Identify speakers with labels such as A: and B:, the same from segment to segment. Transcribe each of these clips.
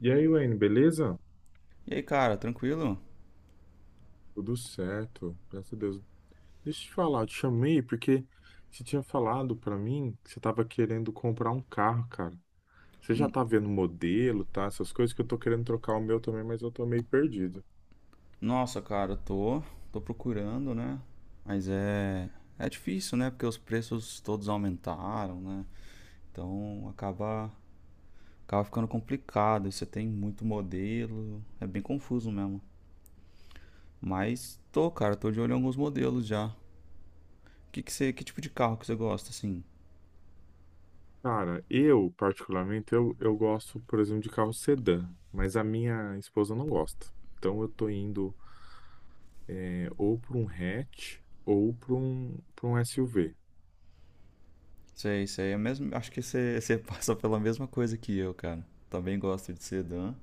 A: E aí, Wayne, beleza?
B: E aí, cara, tranquilo?
A: Tudo certo, graças a Deus. Deixa eu te falar, eu te chamei porque você tinha falado pra mim que você tava querendo comprar um carro, cara. Você já tá vendo o modelo, tá? Essas coisas que eu tô querendo trocar o meu também, mas eu tô meio perdido.
B: Nossa, cara, tô procurando, né? Mas é difícil, né? Porque os preços todos aumentaram, né? Então acaba ficando complicado. Você tem muito modelo, é bem confuso mesmo. Mas tô, cara, tô de olho em alguns modelos já. Que você, que tipo de carro que você gosta, assim?
A: Cara, eu, particularmente, eu gosto, por exemplo, de carro sedã, mas a minha esposa não gosta. Então eu tô indo é, ou pra um hatch ou pra um SUV.
B: Sei, sei, é mesmo, acho que você passa pela mesma coisa que eu, cara. Também gosto de sedã.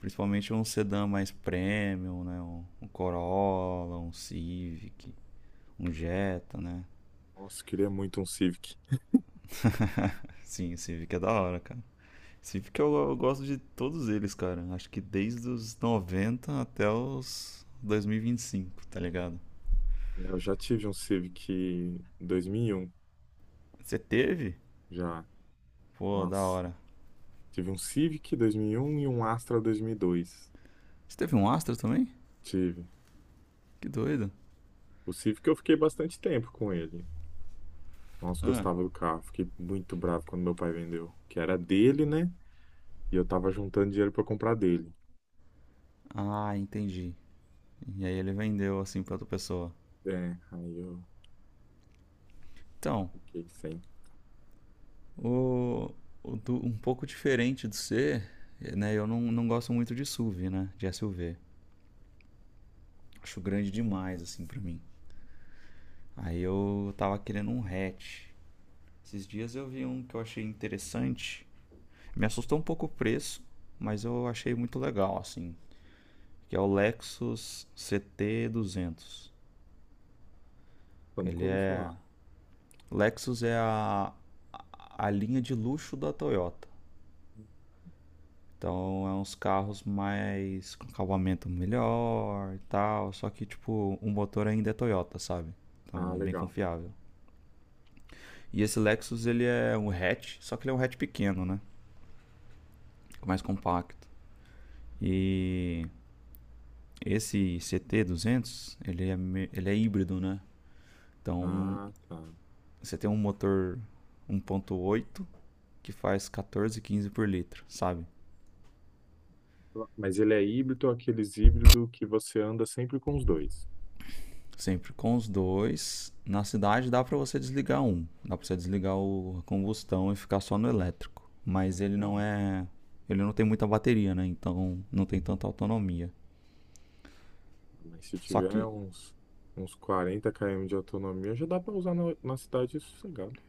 B: Principalmente um sedã mais premium, né? Um Corolla, um Civic, um Jetta, né?
A: Nossa, eu queria muito um Civic.
B: Sim, o Civic é da hora, cara. Civic eu gosto de todos eles, cara. Acho que desde os 90 até os 2025, tá ligado?
A: Eu já tive um Civic em 2001.
B: Você teve?
A: Já.
B: Pô, da
A: Nossa.
B: hora.
A: Tive um Civic dois mil e um Astra dois mil e dois.
B: Você teve um Astra também?
A: Tive.
B: Que doido.
A: O Civic eu fiquei bastante tempo com ele. Nossa,
B: Ah,
A: gostava do carro. Fiquei muito bravo quando meu pai vendeu. Que era dele, né? E eu tava juntando dinheiro pra comprar dele.
B: ah, entendi. E aí ele vendeu assim pra outra pessoa.
A: É, aí eu
B: Então,
A: fiquei sem.
B: O, um pouco diferente do C, né? Eu não gosto muito de SUV, né? De SUV. Acho grande demais, assim, pra mim. Aí eu tava querendo um hatch. Esses dias eu vi um que eu achei interessante. Me assustou um pouco o preço, mas eu achei muito legal, assim. Que é o Lexus ct duzentos.
A: Eu
B: Ele
A: nunca ouvi
B: é...
A: falar.
B: Lexus é a linha de luxo da Toyota. Então é uns carros mais com acabamento melhor e tal, só que tipo, o motor ainda é Toyota, sabe?
A: Ah,
B: Então bem
A: legal.
B: confiável. E esse Lexus ele é um hatch, só que ele é um hatch pequeno, né? Mais compacto. E esse ct duzentos ele é híbrido, né? Então
A: Ah, tá.
B: você tem um motor um ponto oito que faz 14, 15 por litro, sabe?
A: Mas ele é híbrido, aqueles híbrido que você anda sempre com os dois.
B: Sempre com os dois. Na cidade dá para você desligar um. Dá para você desligar o combustão e ficar só no elétrico. Mas ele não
A: Legal.
B: é. Ele não tem muita bateria, né? Então não tem tanta autonomia.
A: Mas se
B: Só
A: tiver
B: que.
A: uns, uns 40 km de autonomia, já dá pra usar na, na cidade sossegado.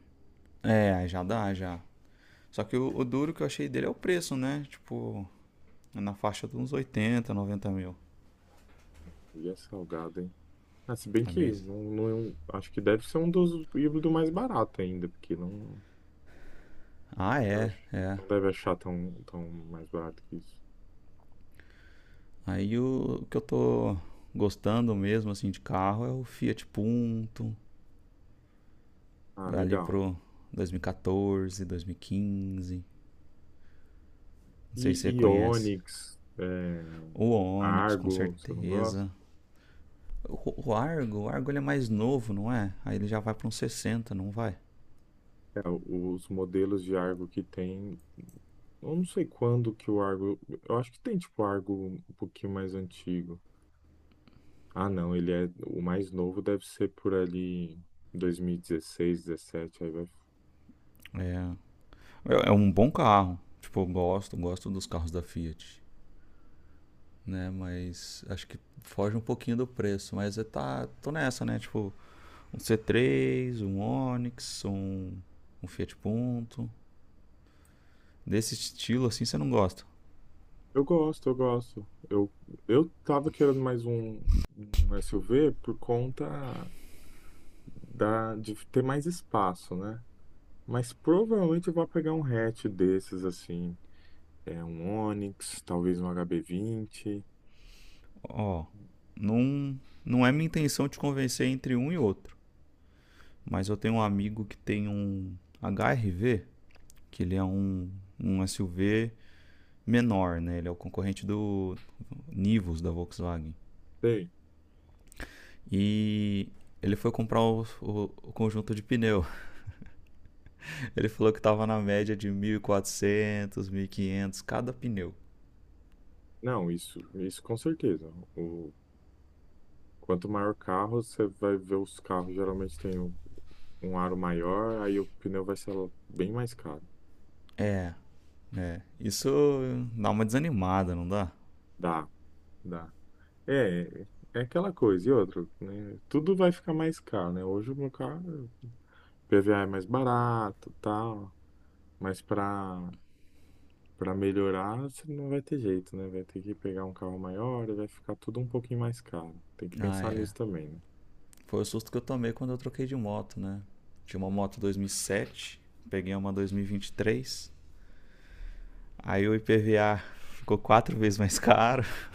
B: É, já dá, já. Só que o duro que eu achei dele é o preço, né? Tipo, é na faixa de uns 80, 90 mil.
A: E é salgado, hein? Ah, se bem
B: É
A: que
B: mesmo?
A: não, é um, acho que deve ser um dos híbridos mais barato ainda, porque não,
B: Ah,
A: não deve,
B: é, é.
A: não deve achar tão, tão mais barato que isso.
B: Aí o que eu tô gostando mesmo, assim, de carro é o Fiat Punto,
A: Ah,
B: ali
A: legal.
B: pro 2014, 2015. Não sei se
A: E
B: você conhece.
A: Ionix, é,
B: O Onix, com
A: Argo, você não gosta?
B: certeza. O Argo ele é mais novo, não é? Aí ele já vai pra uns 60, não vai?
A: É, os modelos de Argo que tem. Eu não sei quando que o Argo. Eu acho que tem tipo Argo um pouquinho mais antigo. Ah, não, ele é. O mais novo deve ser por ali 2016, 17, aí vai.
B: É. É um bom carro. Tipo, eu gosto, gosto dos carros da Fiat, né? Mas acho que foge um pouquinho do preço. Mas eu tá, tô nessa, né? Tipo, um C3, um Onix, um Fiat Punto. Desse estilo assim você não gosta.
A: Eu gosto. Eu tava querendo mais um, um SUV por conta da, de ter mais espaço, né? Mas provavelmente eu vou pegar um hatch desses, assim. É um Onix, talvez um HB20.
B: Ó, não, não é minha intenção te convencer entre um e outro, mas eu tenho um amigo que tem um HRV, que ele é um SUV menor, né? Ele é o concorrente do Nivus da Volkswagen.
A: Sei.
B: E ele foi comprar o conjunto de pneu. Ele falou que estava na média de 1.400, quinhentos cada pneu.
A: Não, isso com certeza. O, quanto maior o carro, você vai ver os carros geralmente tem um, um aro maior, aí o pneu vai ser bem mais caro.
B: Isso dá uma desanimada, não dá?
A: Dá, dá. É, é aquela coisa. E outra, né? Tudo vai ficar mais caro, né? Hoje o meu carro, o PVA é mais barato, tal, mas para melhorar, você não vai ter jeito, né? Vai ter que pegar um carro maior e vai ficar tudo um pouquinho mais caro. Tem que
B: Ah,
A: pensar
B: é.
A: nisso também,
B: Foi o susto que eu tomei quando eu troquei de moto, né? Tinha uma moto 2007, peguei uma 2023. Aí o IPVA ficou quatro vezes mais caro.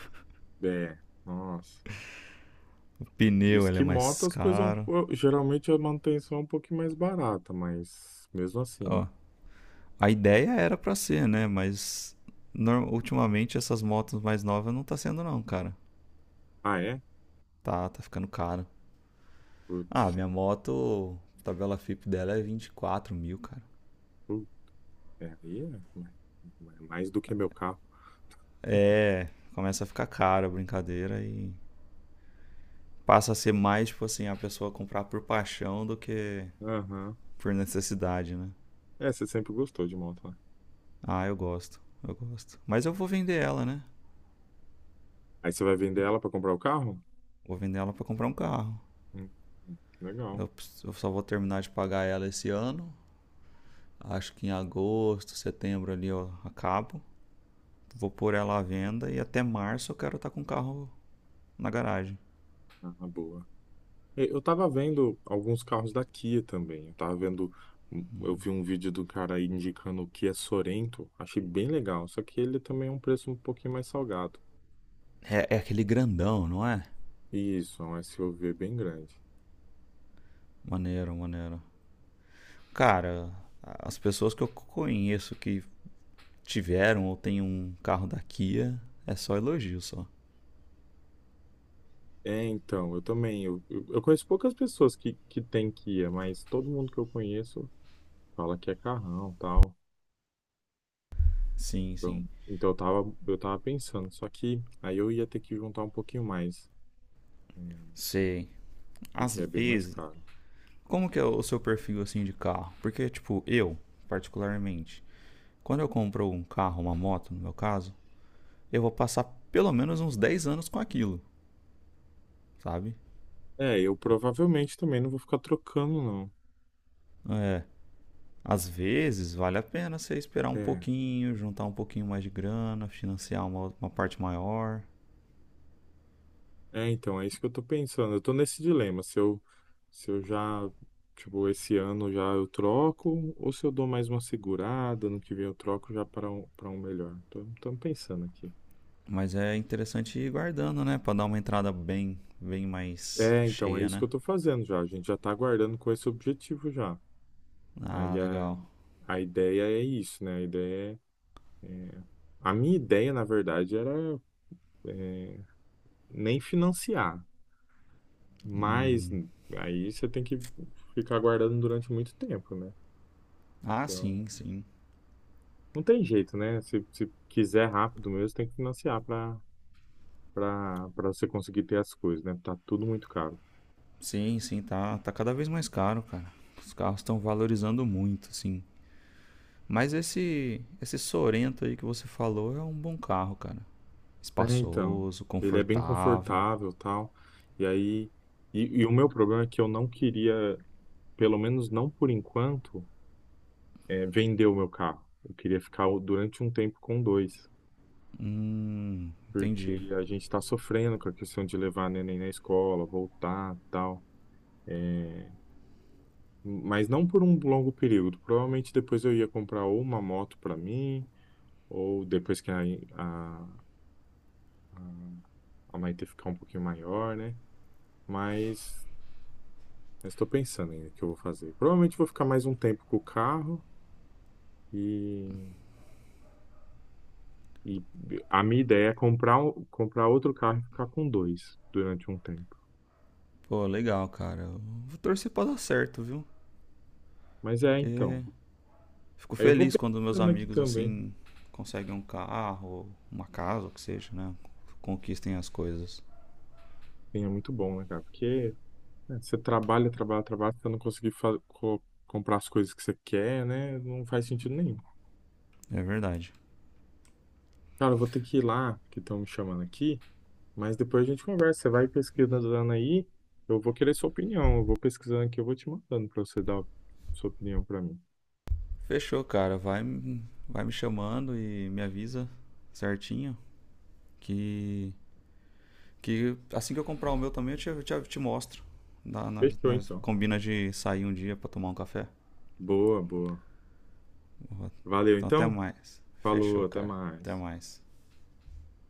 A: né? É, nossa.
B: O pneu
A: Isso
B: ele é
A: que moto,
B: mais
A: as coisas, é um
B: caro.
A: geralmente a manutenção é um pouquinho mais barata, mas mesmo assim, né?
B: Ó, a ideia era pra ser, né? Mas ultimamente essas motos mais novas não tá sendo não, cara.
A: Ah, é?
B: Tá ficando caro. Ah,
A: Putz,
B: minha moto, a tabela FIP dela é 24 mil, cara.
A: putz, é, aí é mais do que meu carro.
B: É, começa a ficar cara a brincadeira e passa a ser mais, tipo assim, a pessoa comprar por paixão do que
A: Aham.
B: por necessidade, né?
A: É, você sempre gostou de moto, né?
B: Ah, eu gosto, eu gosto. Mas eu vou vender ela, né?
A: Aí você vai vender ela pra comprar o carro?
B: Vou vender ela pra comprar um carro.
A: Hum, legal.
B: Eu, eu só vou terminar de pagar ela esse ano. Acho que em agosto, setembro ali eu acabo. Vou pôr ela à venda e até março eu quero estar com o carro na garagem.
A: Ah, boa. E eu tava vendo alguns carros da Kia também. Eu tava vendo. Eu vi um vídeo do cara aí indicando o Kia Sorento. Achei bem legal. Só que ele também é um preço um pouquinho mais salgado.
B: É, é aquele grandão, não é?
A: Isso, é um SUV bem grande.
B: Maneiro, maneiro. Cara, as pessoas que eu conheço que tiveram ou têm um carro da Kia, é só elogio só.
A: É, então, eu também. Eu conheço poucas pessoas que têm Kia, mas todo mundo que eu conheço fala que é carrão, tal.
B: Sim, sim.
A: Então, então eu tava pensando, só que aí eu ia ter que juntar um pouquinho mais, hum,
B: Sei. Às
A: porque é bem mais
B: vezes,
A: caro.
B: como que é o seu perfil assim de carro? Porque tipo, eu, particularmente, quando eu compro um carro, uma moto, no meu caso, eu vou passar pelo menos uns 10 anos com aquilo, sabe?
A: É, eu
B: Eu-
A: provavelmente também não vou ficar trocando, não.
B: Às vezes vale a pena você esperar um
A: É,
B: pouquinho, juntar um pouquinho mais de grana, financiar uma parte maior.
A: então, é isso que eu tô pensando. Eu tô nesse dilema, se eu, se eu já, tipo, esse ano já eu troco, ou se eu dou mais uma segurada, ano que vem eu troco já para um melhor. Tô pensando aqui.
B: Mas é interessante ir guardando, né? Pra dar uma entrada bem, bem mais
A: É, então, é
B: cheia,
A: isso
B: né?
A: que eu tô fazendo já. A gente já tá aguardando com esse objetivo já.
B: Ah,
A: Aí
B: legal.
A: a ideia é isso, né? A ideia é é. A minha ideia, na verdade, era é, nem financiar, mas aí você tem que ficar guardando durante muito tempo, né?
B: Ah,
A: Então,
B: sim, sim.
A: não tem jeito, né? Se quiser rápido mesmo, tem que financiar para você conseguir ter as coisas, né? Tá tudo muito caro.
B: Sim, sim, tá, tá cada vez mais caro, cara. Os carros estão valorizando muito, sim. Mas esse Sorento aí que você falou é um bom carro, cara.
A: É, então,
B: Espaçoso,
A: ele é bem
B: confortável.
A: confortável, tal. E aí, e o meu problema é que eu não queria, pelo menos não por enquanto, vender o meu carro. Eu queria ficar durante um tempo com dois.
B: Entendi.
A: Porque a gente está sofrendo com a questão de levar neném na escola, voltar, tal. É, mas não por um longo período. Provavelmente depois eu ia comprar ou uma moto para mim, ou depois que a, a Maite ficar um pouquinho maior, né? Mas estou pensando ainda o que eu vou fazer. Provavelmente vou ficar mais um tempo com o carro e, e a minha ideia é comprar, comprar outro carro e ficar com dois durante um tempo.
B: Pô, legal, cara. Eu vou torcer pra dar certo, viu?
A: Mas é, então.
B: Porque fico
A: Aí eu vou
B: feliz quando meus
A: pensando aqui
B: amigos
A: também.
B: assim conseguem um carro, uma casa, o que seja, né? Conquistem as coisas.
A: Sim, é muito bom, né, cara? Porque né, você trabalha, trabalha, trabalha, você não conseguir comprar as coisas que você quer, né? Não faz sentido nenhum.
B: É verdade.
A: Cara, eu vou ter que ir lá, que estão me chamando aqui, mas depois a gente conversa. Você vai pesquisando aí, eu vou querer sua opinião. Eu vou pesquisando aqui, eu vou te mandando pra você dar sua opinião pra mim.
B: Fechou, cara. Vai, vai me chamando e me avisa certinho que, que assim que eu comprar o meu também eu te mostro. Nós,
A: Fechou,
B: nós
A: então.
B: combina de sair um dia pra tomar um café.
A: Boa, boa. Valeu,
B: Então até
A: então.
B: mais.
A: Falou,
B: Fechou,
A: até
B: cara. Até
A: mais.
B: mais.